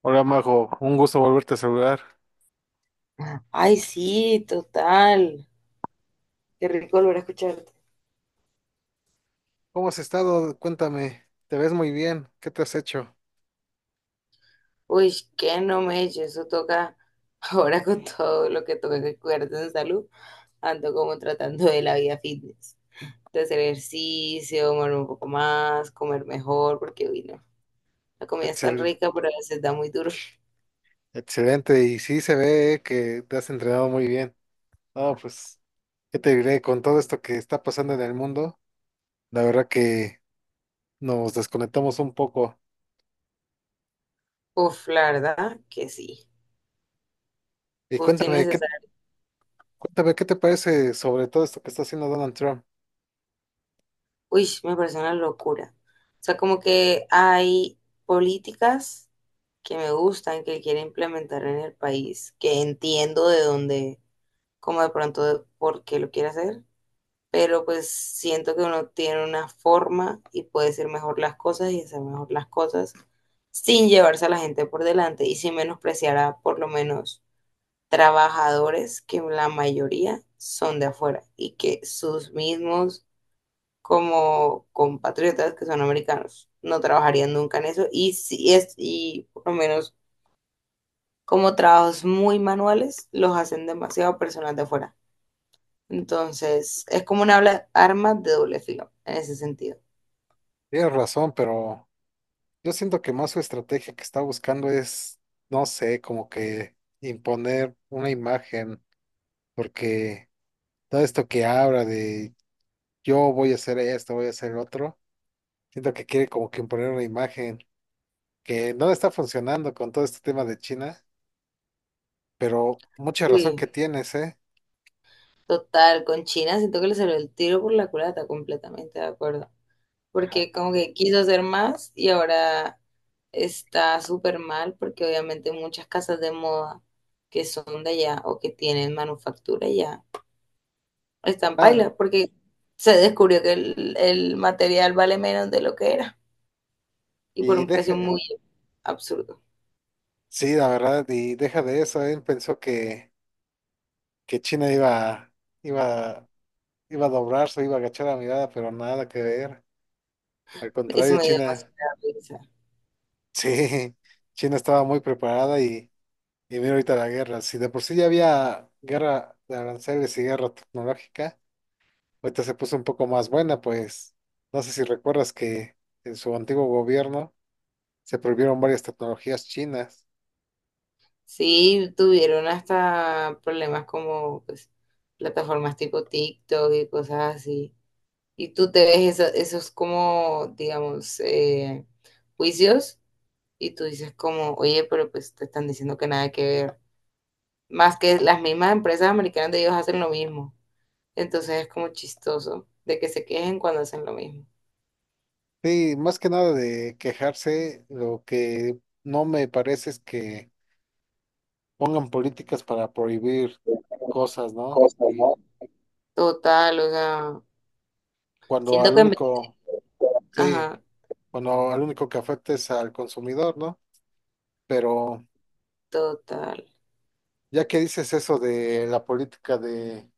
Hola Mago, un gusto volverte a saludar. Ay, sí, total. Qué rico volver a escucharte. ¿Cómo has estado? Cuéntame, te ves muy bien, ¿qué te has hecho? Uy, qué no me eche, eso toca. Ahora con todo lo que toca que cuidarte en salud, ando como tratando de la vida fitness. De hacer ejercicio, mover un poco más, comer mejor, porque uy, no. La comida es tan Excel, rica, pero a veces da muy duro. Excelente, y sí se ve que te has entrenado muy bien. No, pues, ¿qué te diré? Con todo esto que está pasando en el mundo, la verdad que nos desconectamos un poco. Uf, la verdad que sí. Y Justo y cuéntame, necesario. cuéntame, ¿qué te parece sobre todo esto que está haciendo Donald Trump? Uy, me parece una locura. O sea, como que hay políticas que me gustan, que quiere implementar en el país, que entiendo de dónde, como de pronto de por qué lo quiere hacer, pero pues siento que uno tiene una forma y puede decir mejor las cosas y hacer mejor las cosas sin llevarse a la gente por delante y sin menospreciar a por lo menos trabajadores que la mayoría son de afuera y que sus mismos como compatriotas que son americanos. No trabajarían nunca en eso y si es y por lo menos como trabajos muy manuales los hacen demasiado personas de afuera. Entonces, es como una arma de doble filo en ese sentido. Tienes razón, pero yo siento que más su estrategia que está buscando es, no sé, como que imponer una imagen, porque todo esto que habla de yo voy a hacer esto, voy a hacer otro, siento que quiere como que imponer una imagen que no está funcionando con todo este tema de China, pero mucha razón Uy, que tienes, ¿eh? total, con China siento que le salió el tiro por la culata, completamente de acuerdo. Porque como que quiso hacer más y ahora está súper mal porque obviamente muchas casas de moda que son de allá o que tienen manufactura allá están en Ah, paila, porque se descubrió que el material vale menos de lo que era y por y un precio deja, muy absurdo. sí, la verdad, y deja de eso, él pensó que China iba, iba a doblarse, iba a agachar la mirada, pero nada que ver. Al Eso contrario, me dio China, demasiada risa. sí, China estaba muy preparada. Y mira ahorita la guerra, si de por sí ya había guerra de aranceles y guerra tecnológica, ahorita se puso un poco más buena, pues no sé si recuerdas que en su antiguo gobierno se prohibieron varias tecnologías chinas. Sí, tuvieron hasta problemas como pues, plataformas tipo TikTok y cosas así. Y tú te ves esos como, digamos, juicios y tú dices como, oye, pero pues te están diciendo que nada que ver. Más que las mismas empresas americanas de ellos hacen lo mismo. Entonces es como chistoso de que se quejen cuando hacen lo mismo. Sí, más que nada de quejarse, lo que no me parece es que pongan políticas para prohibir cosas, ¿no? Cosas, Y ¿no? Total, o sea, cuando siento al que único, sí, ajá, cuando al único que afecta es al consumidor, ¿no? Pero total. ya que dices eso de la política de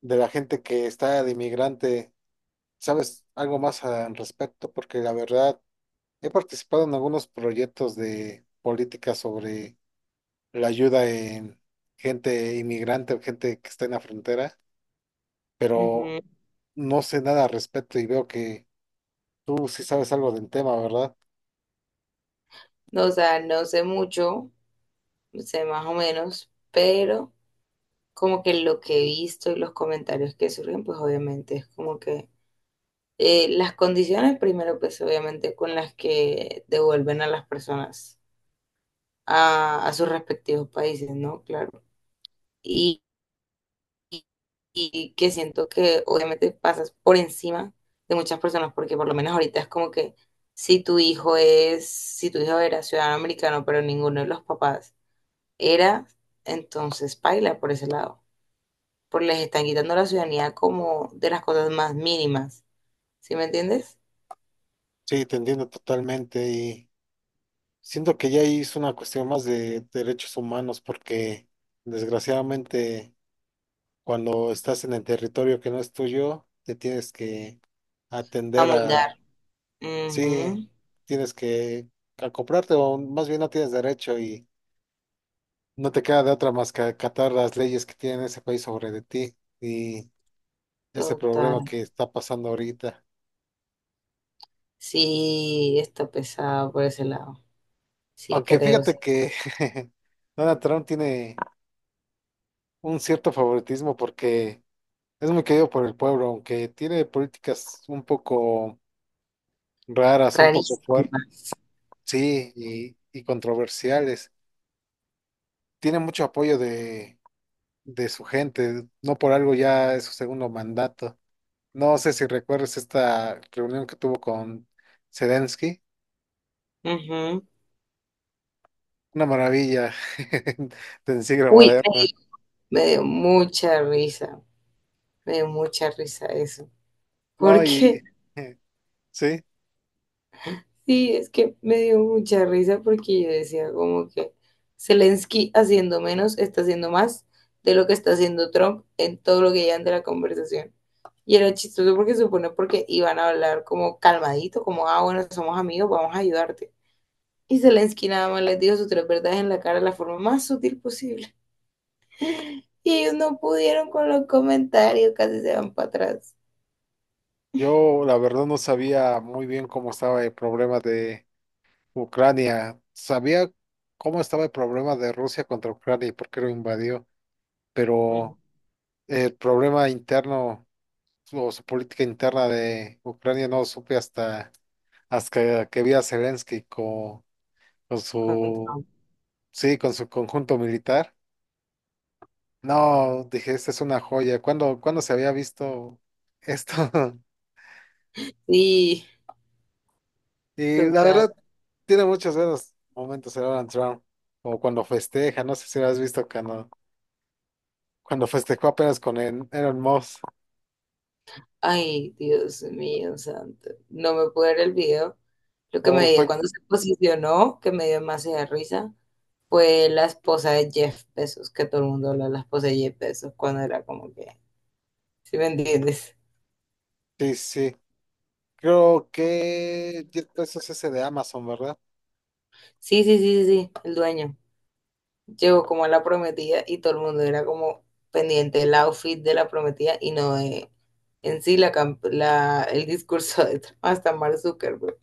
de la gente que está de inmigrante, ¿sabes algo más al respecto? Porque la verdad, he participado en algunos proyectos de política sobre la ayuda en gente inmigrante o gente que está en la frontera, pero Ujú. no sé nada al respecto y veo que tú sí sabes algo del tema, ¿verdad? No, o sea, no sé mucho, sé más o menos, pero como que lo que he visto y los comentarios que surgen, pues obviamente es como que las condiciones primero, pues obviamente con las que devuelven a las personas a sus respectivos países, ¿no? Claro. y, y- y que siento que obviamente pasas por encima de muchas personas, porque por lo menos ahorita es como que si tu hijo era ciudadano americano, pero ninguno de los papás era, entonces paila por ese lado, porque les están quitando la ciudadanía como de las cosas más mínimas, ¿sí me entiendes? Sí, te entiendo totalmente y siento que ya ahí es una cuestión más de derechos humanos porque desgraciadamente, cuando estás en el territorio que no es tuyo, te tienes que atender Amoldar. a, sí, Ujú, tienes que acoplarte o más bien no tienes derecho y no te queda de otra más que acatar las leyes que tiene ese país sobre de ti y ese problema total. que está pasando ahorita. Sí, está pesado por ese lado. Sí, Aunque creo, fíjate sí. que Donald Trump tiene un cierto favoritismo porque es muy querido por el pueblo, aunque tiene políticas un poco raras, un poco fuertes. Rarísimas. Sí, y controversiales. Tiene mucho apoyo de su gente, no por algo ya es su segundo mandato. No sé si recuerdas esta reunión que tuvo con Zelensky, Ujú. una maravilla del siglo Uy, moderno. me dio mucha risa, me dio mucha risa eso. No, Porque y sí, sí, es que me dio mucha risa porque yo decía como que Zelensky haciendo menos está haciendo más de lo que está haciendo Trump en todo lo que llevan de la conversación. Y era chistoso porque se supone porque iban a hablar como calmadito, como, ah, bueno, somos amigos, vamos a ayudarte. Y Zelensky nada más les dijo sus tres verdades en la cara de la forma más sutil posible. Y ellos no pudieron con los comentarios, casi se van para atrás. yo la verdad no sabía muy bien cómo estaba el problema de Ucrania. Sabía cómo estaba el problema de Rusia contra Ucrania y por qué lo invadió, Ujú. pero el problema interno su política interna de Ucrania no supe hasta que vi a Zelensky con Con su, Trump. sí, con su conjunto militar. No, dije, esta es una joya. ¿Cuándo se había visto esto? Sí, Y la verdad, total. tiene muchos buenos momentos el Donald Trump, o cuando festeja, no sé si lo has visto cuando festejó apenas con el Elon Musk, Ay, Dios mío, santo. No me pude ver el video. Lo que me o dio fue- cuando se posicionó, que me dio demasiada risa, fue la esposa de Jeff Bezos, que todo el mundo habla de la esposa de Jeff Bezos cuando era como que, ¿sí me entiendes? sí, sí. Creo que 10 pesos ese de Amazon, ¿verdad? Sí, sí, sí, sí, sí, el dueño. Llegó como a la prometida y todo el mundo era como pendiente del outfit de la prometida y no de en sí la, el discurso de Trump, hasta Mark Zuckerberg.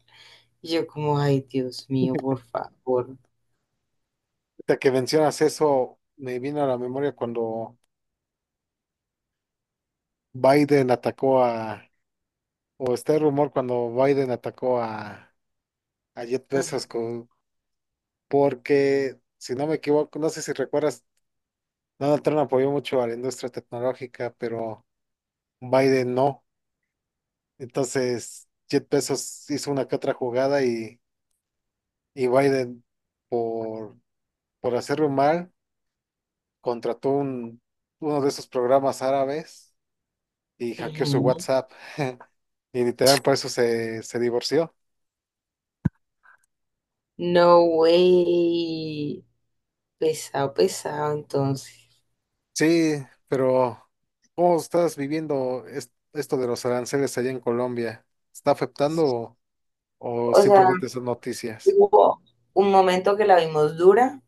Y yo como, ay, Dios mío, por favor. Ahorita que mencionas eso, me vino a la memoria cuando Biden atacó a, o está el rumor cuando Biden atacó a Jeff Ujú. Bezos, porque, si no me equivoco, no sé si recuerdas, Donald Trump apoyó mucho a la industria tecnológica, pero Biden no. Entonces, Jeff Bezos hizo una que otra jugada y Biden, por, por hacerlo mal, contrató un, uno de esos programas árabes y hackeó su Ujú. WhatsApp. Y literal, por eso se divorció. No way. Pesado, pesado, entonces. Sí, pero ¿cómo estás viviendo esto de los aranceles allá en Colombia? ¿Está afectando o O sea, simplemente son noticias? hubo un momento que la vimos dura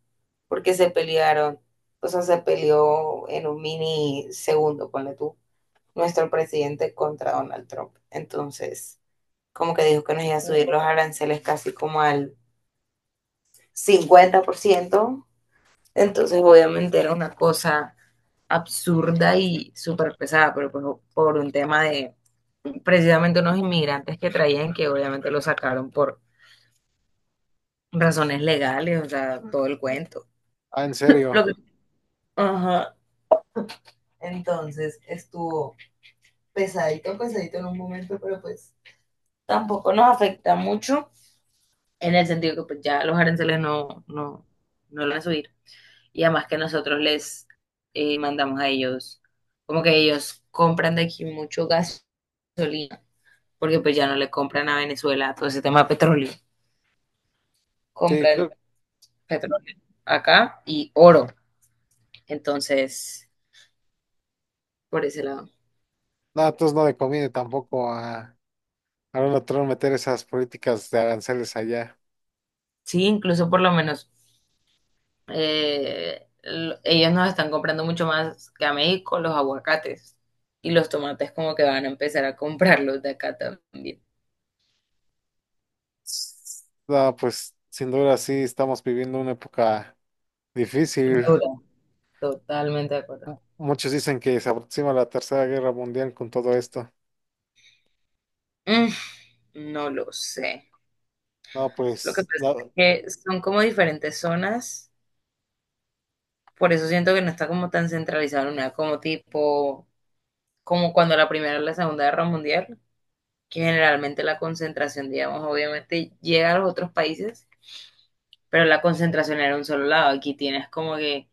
porque se pelearon. O sea, se peleó en un mini segundo, ponle tú, nuestro presidente contra Donald Trump. Entonces, como que dijo que nos iba a subir los aranceles casi como al 50%. Entonces, obviamente era una cosa absurda y súper pesada, pero pues por un tema de precisamente unos inmigrantes que traían que obviamente lo sacaron por razones legales, o sea, todo el cuento. Ah, ¿en serio? Lo que, ajá, entonces estuvo pesadito, pesadito en un momento, pero pues tampoco nos afecta mucho en el sentido que pues ya los aranceles no, no, no van a subir. Y además que nosotros les mandamos a ellos, como que ellos compran de aquí mucho gasolina, porque pues ya no le compran a Venezuela todo ese tema de petróleo, Sí, creo compran petróleo acá y oro, entonces por ese lado. nada, entonces no le conviene tampoco a, a Donald Trump meter esas políticas de aranceles allá. Sí, incluso por lo menos ellos nos están comprando mucho más que a México los aguacates y los tomates como que van a empezar a comprarlos de acá también. No, pues sin duda sí estamos viviendo una época difícil. Dura, totalmente de acuerdo. Muchos dicen que se aproxima la Tercera Guerra Mundial con todo esto. Mm, no lo sé. No, Lo que pues pasa es la, que son como diferentes zonas, por eso siento que no está como tan centralizado en una, como tipo, como cuando la Primera y la Segunda Guerra Mundial, que generalmente la concentración, digamos, obviamente llega a los otros países, pero la concentración era en un solo lado. Aquí tienes como que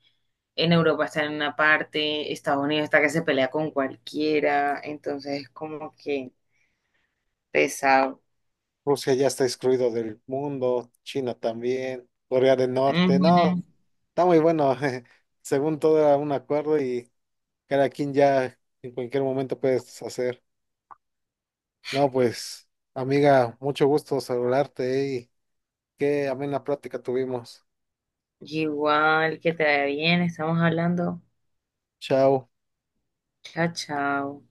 en Europa está en una parte, Estados Unidos está que se pelea con cualquiera, entonces es como que pesado. Rusia ya está excluido del mundo, China también, Corea del Norte, no, Ujú. está muy bueno, jeje. Según todo era un acuerdo y cada quien ya en cualquier momento puedes hacer. No, pues, amiga, mucho gusto saludarte y qué amena plática tuvimos. Igual que te vaya bien, estamos hablando. Chao. Chao, chao.